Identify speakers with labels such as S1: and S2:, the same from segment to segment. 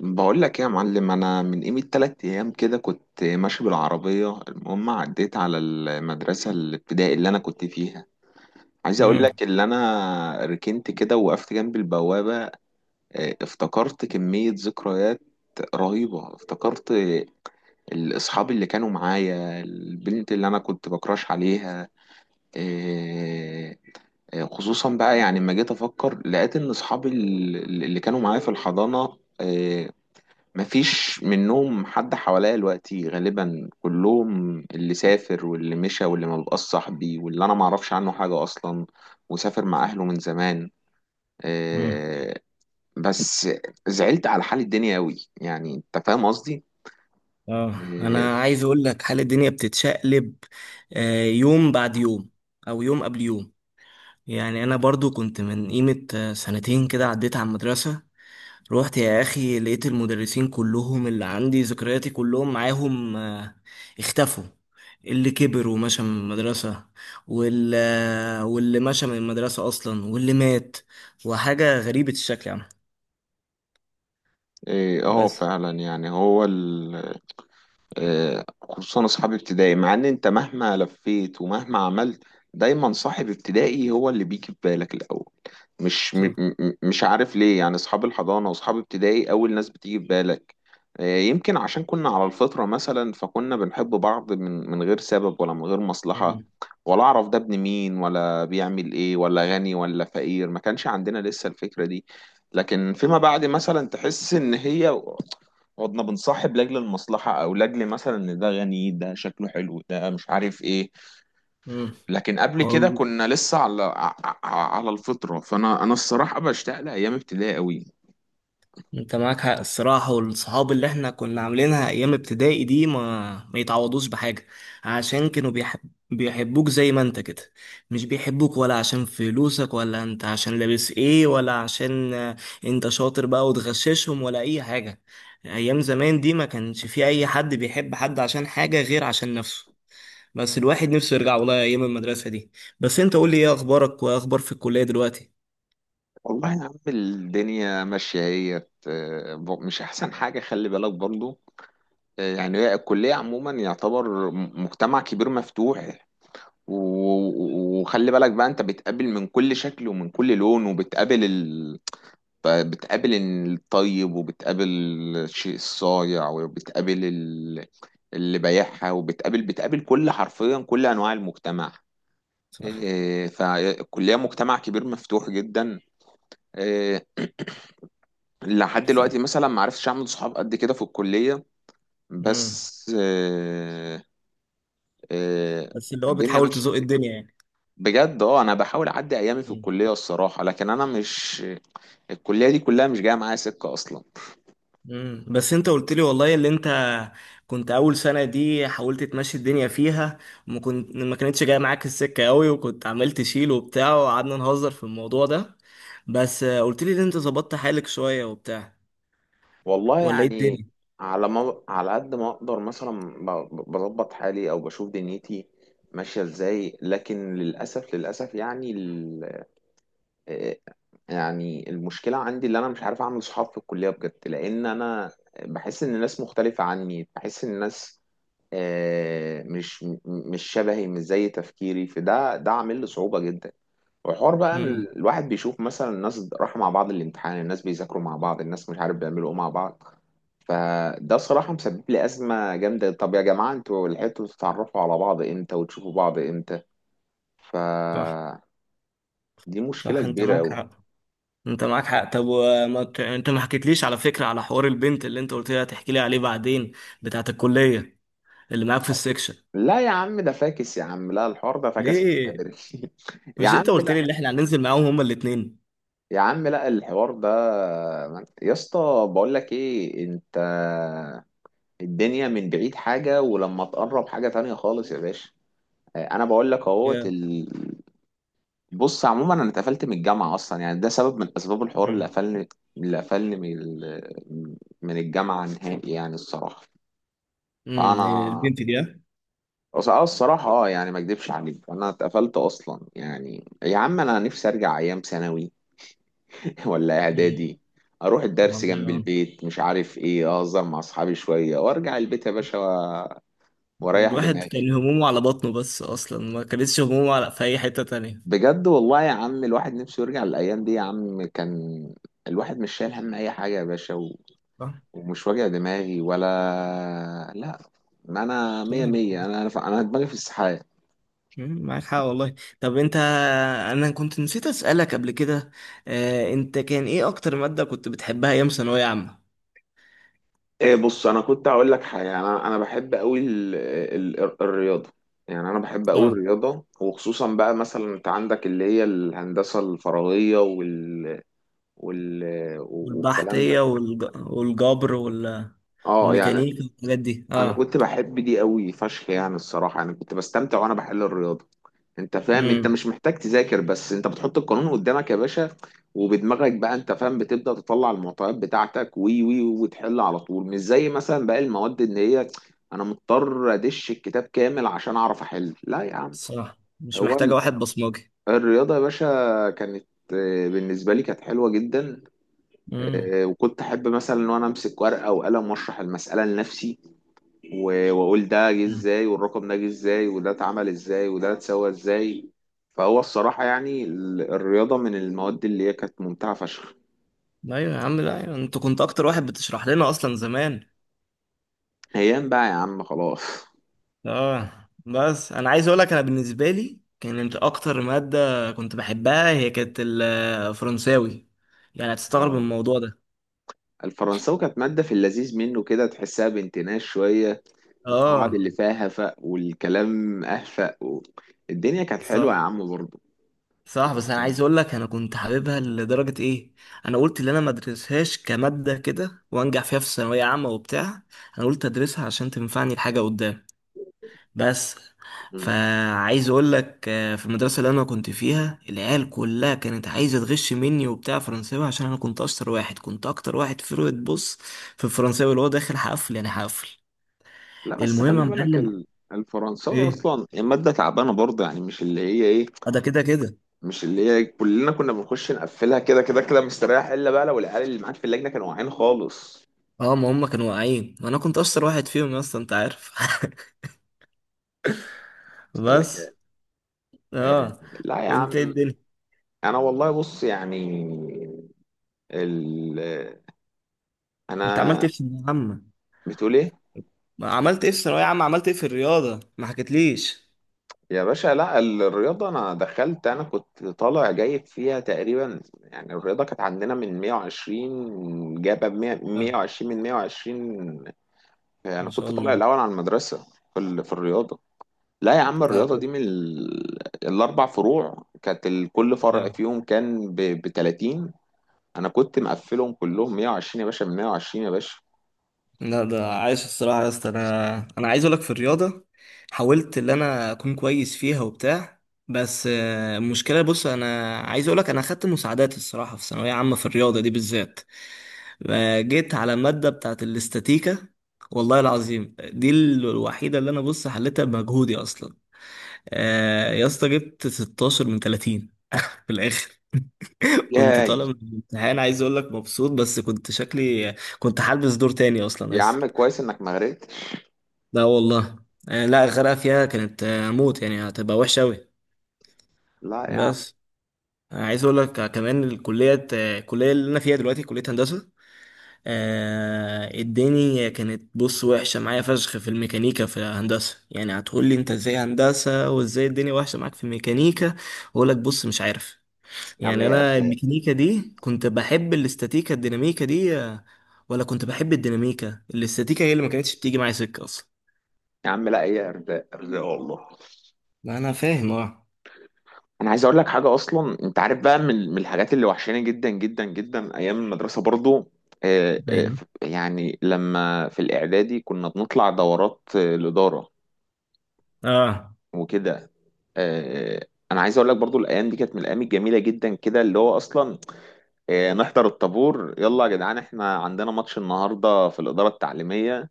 S1: بقول لك إيه يا معلم، انا من قيمة تلات ايام كده كنت ماشي بالعربية. المهم عديت على المدرسة الابتدائي اللي انا كنت فيها. عايز اقول
S2: امم
S1: لك، اللي انا ركنت كده وقفت جنب البوابة. افتكرت كمية ذكريات رهيبة. افتكرت الاصحاب اللي كانوا معايا، البنت اللي انا كنت بكراش عليها. آه، خصوصا بقى يعني لما جيت افكر لقيت ان اصحابي اللي كانوا معايا في الحضانة. مفيش منهم حد حواليا دلوقتي، غالبا كلهم اللي سافر واللي مشى واللي ما بقاش صاحبي واللي انا ما اعرفش عنه حاجة اصلا وسافر مع اهله من زمان.
S2: امم
S1: آه، بس زعلت على حال الدنيا قوي. يعني انت فاهم قصدي؟
S2: اه،
S1: اه.
S2: انا عايز اقول لك حال الدنيا بتتشقلب يوم بعد يوم او يوم قبل يوم. يعني انا برضو كنت من قيمة 2 سنين كده عديت على المدرسة. روحت يا اخي لقيت المدرسين كلهم اللي عندي ذكرياتي كلهم معاهم، اختفوا. اللي كبر ومشى من المدرسة واللي واللي مشى من المدرسة اصلا، واللي مات. وحاجة غريبة الشكل يعني. بس.
S1: فعلا يعني هو، خصوصا اصحاب ابتدائي. مع ان انت مهما لفيت ومهما عملت دايما صاحب ابتدائي هو اللي بيجي في بالك الاول. مش م م مش عارف ليه، يعني اصحاب الحضانه واصحاب ابتدائي اول ناس بتيجي في بالك. يمكن عشان كنا على الفطره مثلا، فكنا بنحب بعض من غير سبب ولا من غير مصلحه.
S2: امم
S1: ولا اعرف ده ابن مين ولا بيعمل ايه ولا غني ولا فقير، ما كانش عندنا لسه الفكره دي. لكن فيما بعد مثلا تحس ان هي قعدنا بنصاحب لاجل المصلحة، او لاجل مثلا ان ده غني، ده شكله حلو، ده مش عارف ايه.
S2: امم
S1: لكن قبل كده كنا لسه على على الفطرة. فانا الصراحة بشتاق لايام ابتدائي قوي.
S2: انت معاك حق الصراحة، والصحاب اللي احنا كنا عاملينها ايام ابتدائي دي ما يتعوضوش بحاجة. عشان بيحبوك زي ما انت كده. مش بيحبوك ولا عشان فلوسك، ولا انت عشان لابس ايه، ولا عشان انت شاطر بقى وتغششهم ولا اي حاجة. ايام زمان دي ما كانش في اي حد بيحب حد عشان حاجة غير عشان نفسه. بس الواحد نفسه يرجع والله ايام المدرسة دي. بس انت قول لي، ايه اخبارك واخبار في الكلية دلوقتي؟
S1: والله يا عم الدنيا ماشية هي، مش احسن حاجة، خلي بالك برضو. يعني هي الكلية عموما يعتبر مجتمع كبير مفتوح. وخلي بالك بقى، انت بتقابل من كل شكل ومن كل لون، وبتقابل، فبتقابل الطيب، وبتقابل الشيء الصايع، وبتقابل اللي بايعها، وبتقابل كل، حرفيا كل انواع المجتمع.
S2: صح.
S1: إيه، فالكليه مجتمع كبير مفتوح جدا. إيه، لحد دلوقتي
S2: صح.
S1: مثلا ما عرفتش اعمل صحاب قد كده في الكليه.
S2: امم
S1: بس إيه، إيه،
S2: بس اللي هو
S1: الدنيا
S2: بتحاول
S1: ماشيه
S2: تزوق الدنيا يعني.
S1: بجد. اه انا بحاول اعدي ايامي في
S2: مم.
S1: الكليه الصراحه، لكن انا مش، الكليه دي كلها مش جايه معايا سكه اصلا.
S2: مم. بس انت قلت لي والله اللي انت كنت اول سنه دي حاولت تمشي الدنيا فيها، وما كنت ما كانتش جايه معاك السكه قوي، وكنت عمال تشيل وبتاع وقعدنا نهزر في الموضوع ده. بس قلت لي ان انت ظبطت حالك شويه وبتاع،
S1: والله
S2: ولا ايه
S1: يعني
S2: الدنيا؟
S1: على ما، على قد ما اقدر مثلا بظبط حالي او بشوف دنيتي ماشيه ازاي، لكن للاسف، للاسف يعني ال... آه، يعني المشكله عندي اللي انا مش عارف اعمل صحاب في الكليه بجد، لان انا بحس ان الناس مختلفه عني، بحس ان الناس مش شبهي، مش زي تفكيري، ده عامل لي صعوبه جدا. والحوار بقى إن
S2: امم
S1: الواحد بيشوف مثلا الناس راحوا مع بعض الامتحان، الناس بيذاكروا مع بعض، الناس مش عارف بيعملوا ايه مع بعض. فده صراحة مسبب لي أزمة جامدة. طب يا جماعة، انتوا لحقتوا تتعرفوا على بعض امتى وتشوفوا بعض امتى؟
S2: صح.
S1: فدي مشكلة
S2: صح، انت
S1: كبيرة
S2: معاك
S1: أوي.
S2: حق. انت معاك حق. طب انت ما حكيتليش على فكره على حوار البنت اللي انت قلت لي هتحكي لي عليه بعدين، بتاعت الكليه، اللي معاك في السكشن.
S1: لا يا عم، ده فاكس يا عم، لا الحوار ده فاكس من
S2: ليه؟
S1: بدري. يا
S2: مش انت
S1: عم
S2: قلت
S1: لا.
S2: لي ان احنا هننزل معاهم هما الاثنين؟
S1: يا عم لا، الحوار ده، يا اسطى بقول لك ايه انت، الدنيا من بعيد حاجة، ولما تقرب حاجة تانية خالص يا باشا. انا بقول لك اهوت ال... بص عموما انا اتقفلت من الجامعه اصلا، يعني ده سبب من اسباب الحوار اللي
S2: مم.
S1: قفلني، اللي قفلني من ال... من الجامعه نهائي يعني الصراحه.
S2: مم.
S1: فانا،
S2: البنت دي ها؟
S1: الصراحه اه، يعني ما اكدبش عليك انا اتقفلت اصلا. يعني يا عم انا نفسي ارجع ايام ثانوي ولا
S2: مم.
S1: اعدادي، اروح الدرس
S2: والله
S1: جنب
S2: اه.
S1: البيت، مش عارف ايه، اهزر مع اصحابي شويه وارجع البيت يا باشا، واريح
S2: والواحد
S1: دماغي.
S2: كان همومه على بطنه بس، اصلا ما كانتش همومه على في اي حته تانية.
S1: بجد والله يا عم الواحد نفسه يرجع للأيام دي يا عم. كان الواحد مش شايل هم أي حاجة يا باشا و...
S2: صح.
S1: ومش واجع دماغي ولا، لا، ما أنا
S2: صح.
S1: مية مية. أنا دماغي في السحاب.
S2: معاك حق والله. طب انا كنت نسيت اسالك قبل كده، انت كان ايه اكتر ماده كنت بتحبها ايام ثانويه عامه؟
S1: إيه بص، أنا كنت هقول لك حاجة، أنا بحب أوي ال... ال... الرياضة. يعني أنا بحب أوي
S2: اه،
S1: الرياضة، وخصوصا بقى مثلا أنت عندك اللي هي الهندسة الفراغية، وال... وال... والكلام ده.
S2: والجبر
S1: اه يعني
S2: والميكانيكا والحاجات دي
S1: انا
S2: اه.
S1: كنت بحب دي قوي فشخ، يعني الصراحه يعني كنت بستمتع وانا بحل الرياضه. انت فاهم انت
S2: امم
S1: مش محتاج تذاكر، بس انت بتحط القانون قدامك يا باشا، وبدماغك بقى انت فاهم بتبدأ تطلع المعطيات بتاعتك، وي وي وتحل على طول. مش زي مثلا باقي المواد ان هي انا مضطر ادش الكتاب كامل عشان اعرف احل. لا يا عم،
S2: صح، مش
S1: هو
S2: محتاجه واحد بصمجي.
S1: الرياضة يا باشا كانت، بالنسبة لي كانت حلوة جدا. وكنت احب مثلا ان انا امسك ورقة وقلم واشرح المسألة لنفسي، واقول ده جه
S2: امم
S1: ازاي، والرقم ده جه ازاي، وده اتعمل ازاي، وده اتسوى ازاي. فهو الصراحة يعني الرياضة من المواد اللي هي كانت ممتعة فشخ.
S2: ايوه يا عم. لا ايوه، انت كنت اكتر واحد بتشرح لنا اصلا زمان.
S1: ايام بقى يا عم خلاص.
S2: اه. بس انا عايز اقول لك، انا بالنسبه لي كانت اكتر ماده كنت بحبها هي كانت الفرنساوي. يعني هتستغرب من
S1: اه
S2: الموضوع ده.
S1: الفرنساوي كانت مادة، في اللذيذ منه كده، تحسها بانتناش شوية. القواعد
S2: اه.
S1: اللي فيها هفق، والكلام أهفق، و... الدنيا كانت حلوة يا
S2: صح.
S1: عم برضه.
S2: صح، بس انا
S1: لكن
S2: عايز اقول لك، انا كنت حاببها لدرجه ايه. انا قلت ان انا ما ادرسهاش كماده كده وانجح فيها في ثانويه عامه وبتاع. انا قلت ادرسها عشان تنفعني لحاجه قدام. بس.
S1: مم.
S2: فعايز اقول لك في المدرسه اللي انا كنت فيها العيال كلها كانت عايزه تغش مني وبتاع فرنساوي، عشان انا كنت اشطر واحد، كنت اكتر واحد في روت. بص، في الفرنساوي اللي هو داخل حفل، يعني حفل.
S1: لا بس
S2: المهم يا
S1: خلي بالك
S2: معلم،
S1: ال... الفرنساوي
S2: ايه
S1: أصلا المادة تعبانة برضه، يعني مش اللي هي إيه،
S2: ده كده كده.
S1: مش اللي هي كلنا كنا بنخش نقفلها كده كده كده مستريح، الا بقى لو العيال اللي معاك في اللجنه كانوا واعيين خالص.
S2: اه، ما هم كانوا واقعين وانا كنت اشطر واحد فيهم اصلا انت عارف. بس.
S1: سلكة. آه.
S2: اه.
S1: لا يا عم.
S2: وانت إيه الدنيا؟
S1: انا والله بص يعني ال...
S2: انت عملت
S1: انا،
S2: ايه في ثانوية عامة؟
S1: بتقول ايه
S2: ما عملت ايه في ثانوية عامة، عملت ايه في الرياضة، ما حكيتليش؟
S1: يا باشا؟ لا الرياضه انا دخلت، انا كنت طالع جايب فيها تقريبا يعني، الرياضه كانت عندنا من 120 جايبه ب 100،
S2: لا.
S1: 120 من 120. انا
S2: ما شاء
S1: كنت طالع
S2: الله.
S1: الاول على المدرسه في في الرياضه. لا يا عم،
S2: لا.
S1: الرياضة دي من ال... الأربع فروع كانت، كل فرع
S2: اه.
S1: فيهم كان ب 30. أنا كنت مقفلهم كلهم 120 يا باشا، ب 120 يا باشا.
S2: لا، ده عايش الصراحة يا اسطى. انا عايز اقولك في الرياضة حاولت ان انا اكون كويس فيها وبتاع. بس المشكلة بص، انا عايز اقولك انا اخدت مساعدات الصراحة في ثانوية عامة في الرياضة دي بالذات. جيت على مادة بتاعت الاستاتيكا. والله العظيم دي الوحيدة اللي انا بص حليتها بمجهودي اصلا. يا اسطى جبت 16 من 30 في الاخر. كنت
S1: ياي.
S2: طالع من الامتحان عايز اقول لك مبسوط، بس كنت شكلي كنت حالبس دور تاني اصلا.
S1: يا عم كويس إنك ما غرقتش.
S2: لا والله. يعني لا، الغرقة فيها كانت موت، يعني هتبقى وحشة أوي.
S1: لا يا عم.
S2: بس عايز أقول لك كمان الكلية، الكلية اللي أنا فيها دلوقتي كلية هندسة. الدنيا كانت بص وحشة معايا فشخ في الميكانيكا في هندسة. يعني هتقول لي أنت إزاي هندسة وإزاي الدنيا وحشة معاك في الميكانيكا؟ أقول لك بص مش عارف.
S1: يا عم
S2: يعني
S1: هي
S2: أنا
S1: أرزاق.
S2: الميكانيكا دي كنت بحب الاستاتيكا الديناميكا دي، ولا كنت بحب الديناميكا. الاستاتيكا هي اللي ما كانتش بتيجي معايا سكة أصلا.
S1: يا عم لا، هي أرزاق أرزاق والله.
S2: ما أنا فاهم أه.
S1: أنا عايز أقول لك حاجة، أصلا أنت عارف بقى، من الحاجات اللي وحشاني جدا جدا جدا أيام المدرسة برضو،
S2: ايوه.
S1: يعني لما في الإعدادي كنا بنطلع دورات، الإدارة
S2: اه.
S1: وكده. آه، انا عايز اقول لك برضو الايام دي كانت من الايام الجميله جدا كده، اللي هو اصلا نحضر الطابور، يلا يا جدعان احنا عندنا ماتش النهارده في الاداره التعليميه،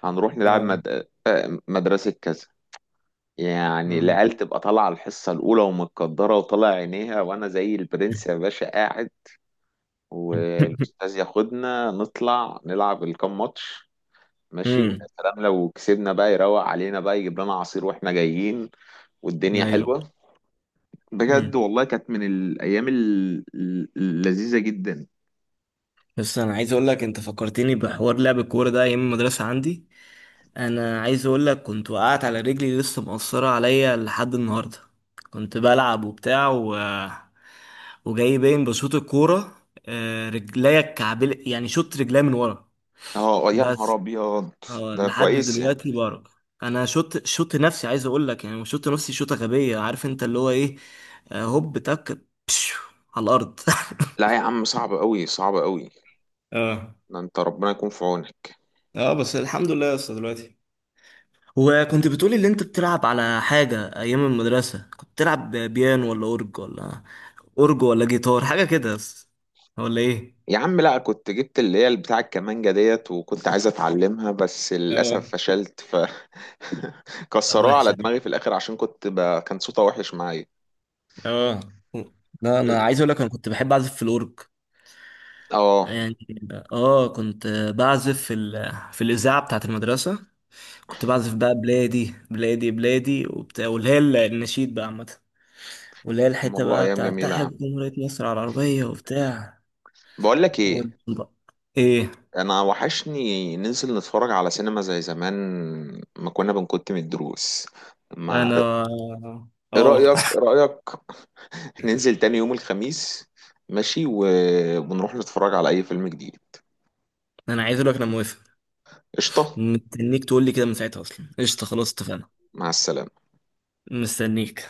S1: هنروح نلعب
S2: اه.
S1: مد... آه، مدرسه كذا. يعني
S2: مم.
S1: العيال تبقى طالعه الحصه الاولى ومتقدره وطالع عينيها، وانا زي البرنس يا باشا قاعد، والاستاذ ياخدنا نطلع نلعب الكام ماتش. ماشي، ويا
S2: مم.
S1: سلام لو كسبنا بقى يروق علينا بقى يجيب لنا عصير واحنا جايين. والدنيا
S2: ايوه.
S1: حلوه، بجد
S2: مم.
S1: والله كانت من الأيام اللذيذة جدا.
S2: بس انا عايز اقول لك انت فكرتني بحوار لعب الكوره ده ايام المدرسه عندي. انا عايز اقول لك كنت وقعت على رجلي لسه مقصره عليا لحد النهارده. كنت بلعب وبتاع وجاي باين بشوط الكوره. رجليا الكعبل، يعني شوط رجليا من ورا.
S1: اه يا نهار
S2: بس.
S1: أبيض.
S2: اه،
S1: ده
S2: لحد
S1: كويس يعني.
S2: دلوقتي بارك. انا شوت نفسي، عايز اقول لك يعني شوت نفسي شوطه غبيه، عارف انت اللي هو ايه، هوب تك، بشو على الارض.
S1: لا يا عم صعب أوي، صعب أوي،
S2: اه.
S1: ده أنت ربنا يكون في عونك.
S2: اه بس الحمد لله يا اسطى دلوقتي. وكنت بتقولي اللي انت بتلعب على حاجه ايام المدرسه، كنت بتلعب بيانو ولا اورج ولا جيتار، حاجه كده بس، ولا ايه؟
S1: يا عم لا، كنت جبت اللي هي بتاع الكمانجة ديت وكنت عايز أتعلمها، بس للأسف
S2: اه.
S1: فشلت ف
S2: لا،
S1: كسروها على
S2: وحشه دي.
S1: دماغي في الآخر عشان كنت كان صوتها وحش معايا.
S2: اه. لا، انا عايز اقول لك انا كنت بحب اعزف في الاورج
S1: اه
S2: يعني. اه، كنت بعزف في الاذاعه بتاعه المدرسه. كنت بعزف بقى بلادي بلادي بلادي وبتاع، واللي هي النشيد بقى عامه، واللي هي الحته
S1: والله
S2: بقى
S1: أيام
S2: بتاع
S1: جميلة يا
S2: تحيا
S1: عم.
S2: جمهوريه مصر على العربيه وبتاع
S1: بقول لك إيه،
S2: و... ايه
S1: انا وحشني ننزل نتفرج على سينما زي زمان، ما كنا بنكت من الدروس، ما
S2: انا
S1: ايه
S2: اه.
S1: رأيك، إيه رأيك ننزل تاني يوم الخميس ماشي و... ونروح نتفرج على اي فيلم جديد؟
S2: انا عايز اقول لك انا موافق.
S1: قشطة.
S2: مستنيك تقول لي كده من ساعتها اصلا. قشطه خلاص اتفقنا.
S1: مع السلامة.
S2: مستنيك.